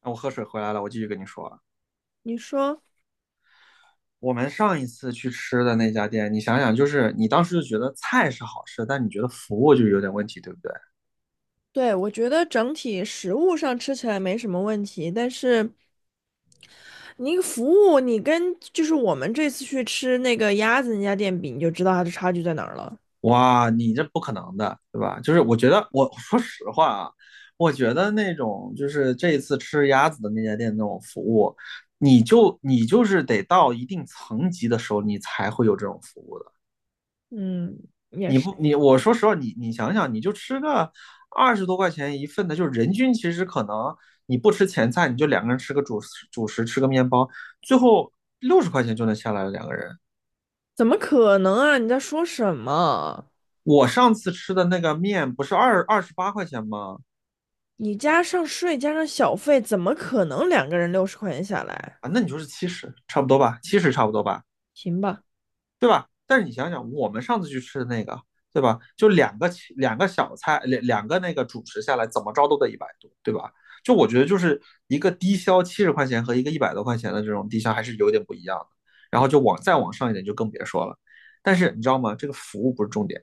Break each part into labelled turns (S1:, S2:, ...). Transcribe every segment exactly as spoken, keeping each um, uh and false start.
S1: 我喝水回来了，我继续跟你说啊。
S2: 你说，
S1: 我们上一次去吃的那家店，你想想，就是你当时就觉得菜是好吃，但你觉得服务就有点问题，对不对？
S2: 对，我觉得整体食物上吃起来没什么问题，但是你服务，你跟就是我们这次去吃那个鸭子那家店比，你就知道它的差距在哪儿了。
S1: 哇，你这不可能的，对吧？就是我觉得，我说实话啊，我觉得那种就是这一次吃鸭子的那家店那种服务，你就你就是得到一定层级的时候，你才会有这种服务的。
S2: 嗯，
S1: 你不你我说实话，你你想想，你就吃个二十多块钱一份的，就是人均其实可能你不吃前菜，你就两个人吃个主食主食，吃个面包，最后六十块钱就能下来了两个人。
S2: 怎么可能啊？你在说什么？
S1: 我上次吃的那个面不是二二十八块钱吗？
S2: 你加上税加上小费，怎么可能两个人六十块钱下来？
S1: 啊，那你就是七十，差不多吧，七十差不多吧。
S2: 行吧？
S1: 对吧？但是你想想，我们上次去吃的那个，对吧？就两个两个小菜，两两个那个主食下来，怎么着都得一百多，对吧？就我觉得就是一个低消七十块钱和一个一百多块钱的这种低消还是有点不一样的。然后就往再往上一点就更别说了。但是你知道吗？这个服务不是重点。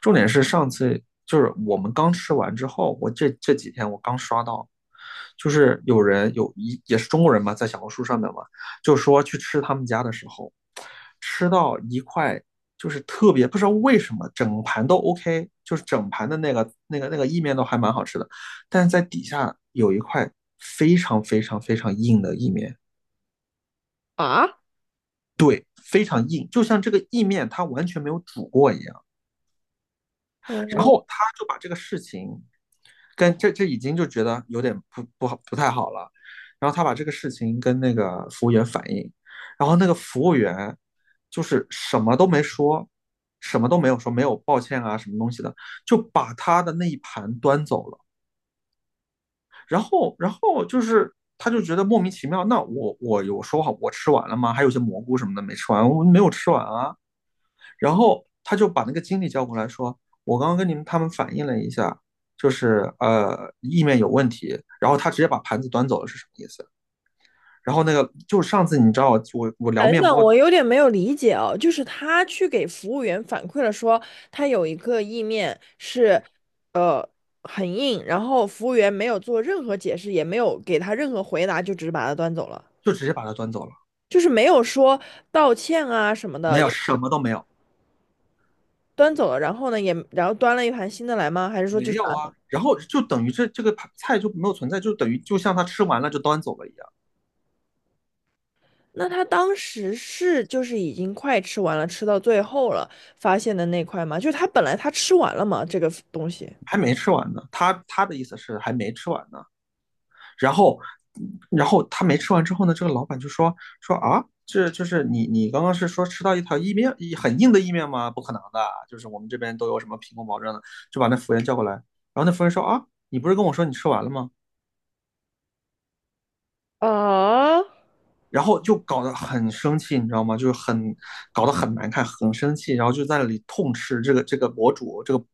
S1: 重点是上次就是我们刚吃完之后，我这这几天我刚刷到，就是有人有一也是中国人嘛，在小红书上面嘛，就说去吃他们家的时候，吃到一块就是特别不知道为什么整盘都 OK，就是整盘的那个那个那个意面都还蛮好吃的，但是在底下有一块非常非常非常硬的意面，
S2: 啊？
S1: 非常硬，就像这个意面它完全没有煮过一样。然
S2: 嗯。
S1: 后他就把这个事情跟这这已经就觉得有点不不好不太好了，然后他把这个事情跟那个服务员反映，然后那个服务员就是什么都没说，什么都没有说，没有抱歉啊什么东西的，就把他的那一盘端走了。然后然后就是他就觉得莫名其妙，那我我有说好我吃完了吗？还有些蘑菇什么的没吃完，我没有吃完啊。然后他就把那个经理叫过来说，我刚刚跟你们他们反映了一下，就是呃意面有问题，然后他直接把盘子端走了是什么意思？然后那个就是上次你知道我我我聊
S2: 等
S1: 面
S2: 等，
S1: 包
S2: 我有点没有理解哦，就是他去给服务员反馈了说，他有一个意面是，呃，很硬，然后服务员没有做任何解释，也没有给他任何回答，就只是把他端走了，
S1: 就直接把它端走了，
S2: 就是没有说道歉啊什么
S1: 没
S2: 的，
S1: 有
S2: 也
S1: 什么都没有，
S2: 端走了。然后呢，也然后端了一盘新的来吗？还是说
S1: 没
S2: 就是
S1: 有啊。然后就等于这这个菜就没有存在，就等于就像他吃完了就端走了一样，
S2: 那他当时是就是已经快吃完了，吃到最后了，发现的那块吗？就是他本来他吃完了嘛，这个东西
S1: 还没吃完呢。他他的意思是还没吃完呢，然后，然后他没吃完之后呢，这个老板就说说啊，这就是你你刚刚是说吃到一条意面很硬的意面吗？不可能的，就是我们这边都有什么品控保证的，就把那服务员叫过来。然后那服务员说啊，你不是跟我说你吃完了吗？
S2: 啊，
S1: 然后就搞得很生气，你知道吗？就是很搞得很难看，很生气，然后就在那里痛斥这个这个博主，这个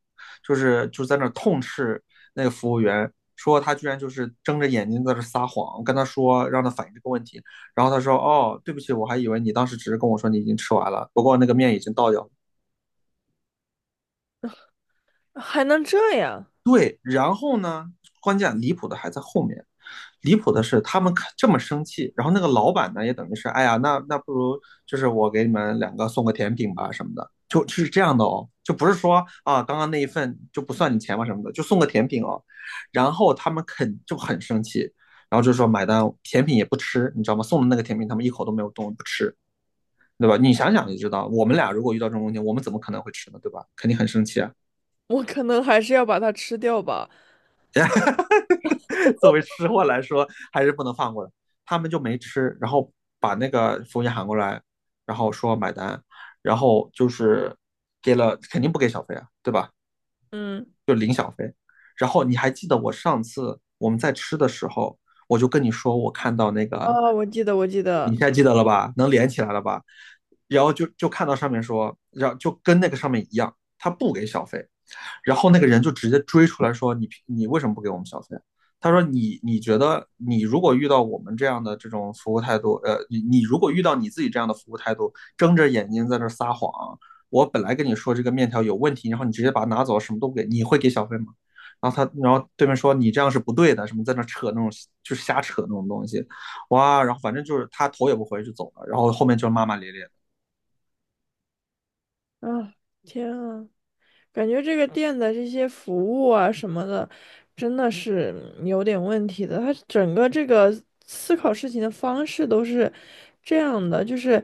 S1: 就是就在那痛斥那个服务员，说他居然就是睁着眼睛在这撒谎，跟他说让他反映这个问题，然后他说哦，对不起，我还以为你当时只是跟我说你已经吃完了，不过那个面已经倒掉了。
S2: 还能这样？
S1: 对，然后呢，关键离谱的还在后面。离谱的是，他们这么生气，然后那个老板呢，也等于是，哎呀，那那不如就是我给你们两个送个甜品吧什么的，就是这样的哦，就不是说啊，刚刚那一份就不算你钱吧什么的，就送个甜品哦。然后他们肯就很生气，然后就说买单，甜品也不吃，你知道吗？送的那个甜品他们一口都没有动，不吃，对吧？你想想就知道，我们俩如果遇到这种问题，我们怎么可能会吃呢？对吧？肯定很生气啊。
S2: 我可能还是要把它吃掉吧。
S1: 作为吃货来说，还是不能放过的。他们就没吃，然后把那个服务员喊过来，然后说买单，然后就是给了，肯定不给小费啊，对吧？
S2: 嗯，
S1: 然后你还记得我上次我们在吃的时候，我就跟你说我看到那个，
S2: 啊，我记得，我记
S1: 你
S2: 得。
S1: 现在记得了吧？能连起来了吧？然后就就看到上面说，然后就跟那个上面一样，他不给小费，然后那个人就直接追出来说你你为什么不给我们小费？他说你你觉得你如果遇到我们这样的这种服务态度，呃，你你如果遇到你自己这样的服务态度，睁着眼睛在那儿撒谎，我本来跟你说这个面条有问题，然后你直接把它拿走，什么都不给，你会给小费吗？然后他，然后对面说你这样是不对的，什么在那扯那种就是瞎扯那种东西，哇，然后反正就是他头也不回就走了，然后后面就骂骂咧咧的。
S2: 啊，天啊，感觉这个店的这些服务啊什么的，真的是嗯有点问题的。它整个这个思考事情的方式都是这样的，就是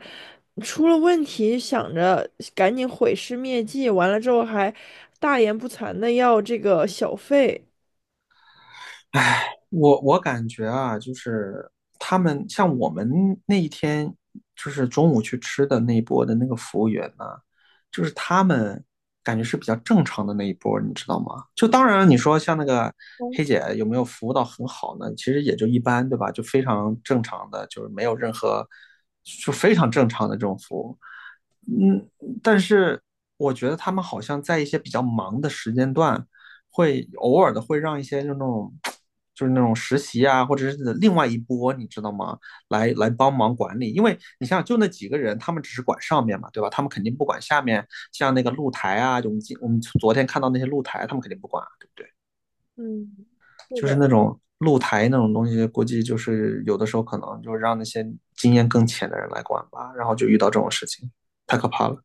S2: 出了问题想着赶紧毁尸灭迹，完了之后还大言不惭的要这个小费。
S1: 我我感觉啊，就是他们像我们那一天就是中午去吃的那一波的那个服务员呢，就是他们感觉是比较正常的那一波，你知道吗？就当然你说像那个黑姐有没有服务到很好呢？其实也就一般，对吧？就非常正常的，就是没有任何。就非常正常的这种服务，嗯，但是我觉得他们好像在一些比较忙的时间段，会偶尔的会让一些就那种，就是那种实习啊，或者是另外一波，你知道吗？来来帮忙管理，因为你想想，就那几个人，他们只是管上面嘛，对吧？他们肯定不管下面，像那个露台啊，就我们今我们昨天看到那些露台，他们肯定不管啊，对不对？
S2: 嗯，是
S1: 就是
S2: 的。
S1: 那种露台那种东西，估计就是有的时候可能就让那些经验更浅的人来管吧，然后就遇到这种事情，太可怕了。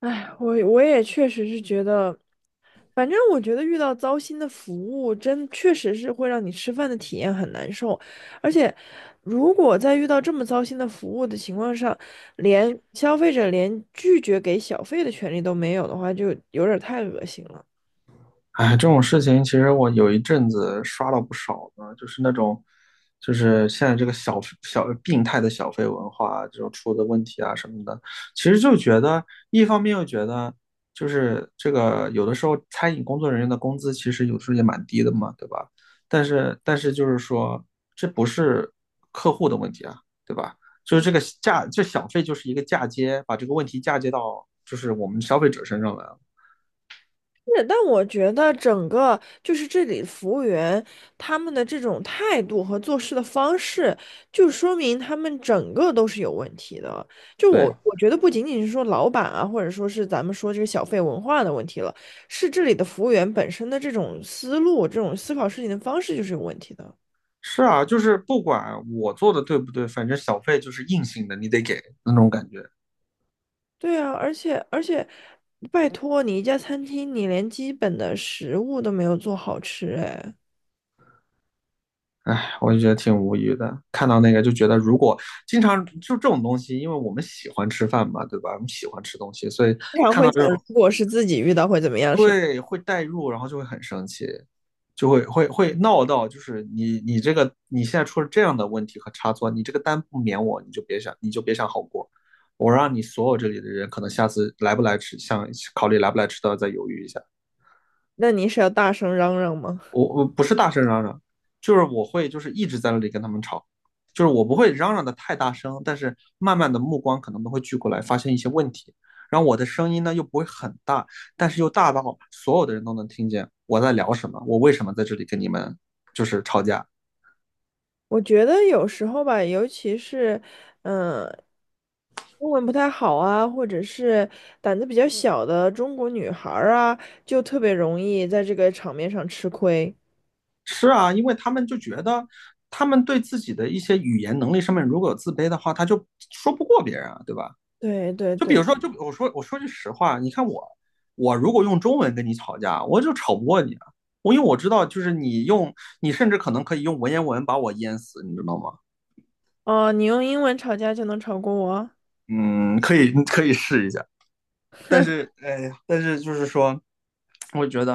S2: 哎，我我也确实是觉得，反正我觉得遇到糟心的服务，真确实是会让你吃饭的体验很难受。而且，如果在遇到这么糟心的服务的情况上，连消费者连拒绝给小费的权利都没有的话，就有点儿太恶心了。
S1: 哎，这种事情其实我有一阵子刷了不少呢，就是那种，就是现在这个小小病态的小费文化，这种出的问题啊什么的，其实就觉得一方面又觉得，就是这个有的时候餐饮工作人员的工资其实有时候也蛮低的嘛，对吧？但是但是就是说，这不是客户的问题啊，对吧？就是这个嫁这小费就是一个嫁接，把这个问题嫁接到就是我们消费者身上来了，
S2: 是，但我觉得整个就是这里服务员他们的这种态度和做事的方式，就说明他们整个都是有问题的。就我
S1: 对。
S2: 我觉得不仅仅是说老板啊，或者说是咱们说这个小费文化的问题了，是这里的服务员本身的这种思路、这种思考事情的方式就是有问题的。
S1: 是啊，就是不管我做的对不对，反正小费就是硬性的，你得给那种感觉。
S2: 对啊，而且而且，拜托你一家餐厅，你连基本的食物都没有做好吃，哎，
S1: 哎，我就觉得挺无语的。看到那个就觉得，如果经常就这种东西，因为我们喜欢吃饭嘛，对吧？我们喜欢吃东西，所以
S2: 经常
S1: 看
S2: 会
S1: 到
S2: 想，
S1: 这种，
S2: 如果是自己遇到会怎么样，是吧？
S1: 对，会代入，然后就会很生气，就会会会闹到，就是你你这个你现在出了这样的问题和差错，你这个单不免我，你就别想你就别想好过。我让你所有这里的人，可能下次来不来吃，想考虑来不来吃都要再犹豫一下。
S2: 那你是要大声嚷嚷吗？
S1: 我我不是大声嚷嚷，就是我会就是一直在那里跟他们吵，就是我不会嚷嚷的太大声，但是慢慢的目光可能都会聚过来，发现一些问题，然后我的声音呢又不会很大，但是又大到所有的人都能听见我在聊什么，我为什么在这里跟你们就是吵架。
S2: 我觉得有时候吧，尤其是，嗯，英文不太好啊，或者是胆子比较小的中国女孩儿啊，就特别容易在这个场面上吃亏。
S1: 是啊，因为他们就觉得他们对自己的一些语言能力上面如果有自卑的话，他就说不过别人啊，对吧？
S2: 对对
S1: 就比
S2: 对，
S1: 如说，就我说我说句实话，你看我，我如果用中文跟你吵架，我就吵不过你啊。我因为我知道，就是你用，你甚至可能可以用文言文把我淹死，你知道吗？
S2: 哦，你用英文吵架就能吵过我？
S1: 嗯，可以，可以试一下。但是，哎呀，但是就是说，我觉得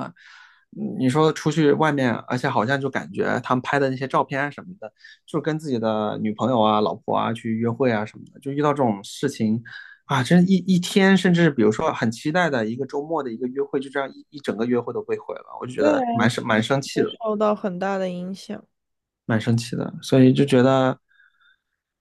S1: 嗯你说出去外面，而且好像就感觉他们拍的那些照片什么的，就跟自己的女朋友啊、老婆啊去约会啊什么的，就遇到这种事情啊，真一一天，甚至比如说很期待的一个周末的一个约会，就这样一一整个约会都被毁了，我就觉
S2: 对啊，
S1: 得蛮生蛮生气
S2: 会
S1: 的，
S2: 受到很大的影响。
S1: 蛮生气的，所以就觉得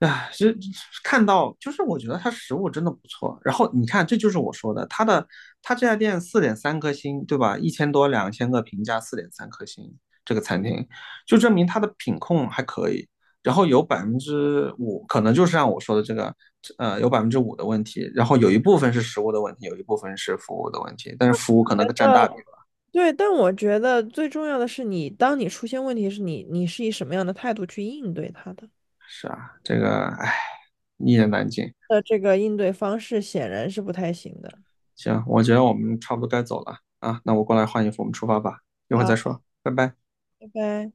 S1: 唉，是看到，就是我觉得它食物真的不错。然后你看，这就是我说的，它的它这家店四点三颗星，对吧？一千多两千个评价，四点三颗星，这个餐厅就证明它的品控还可以。然后有百分之五，可能就是像我说的这个，呃，有百分之五的问题。然后有一部分是食物的问题，有一部分是服务的问题，但是服务可能占
S2: 呃，
S1: 大比吧。
S2: 对，但我觉得最重要的是你，当你出现问题时，你你是以什么样的态度去应对它的？
S1: 是啊，这个唉，一言难尽。
S2: 那这个应对方式显然是不太行的。
S1: 行，我觉得我们差不多该走了啊，那我过来换衣服，我们出发吧，一会儿再
S2: 啊。
S1: 说，拜拜。
S2: 拜拜。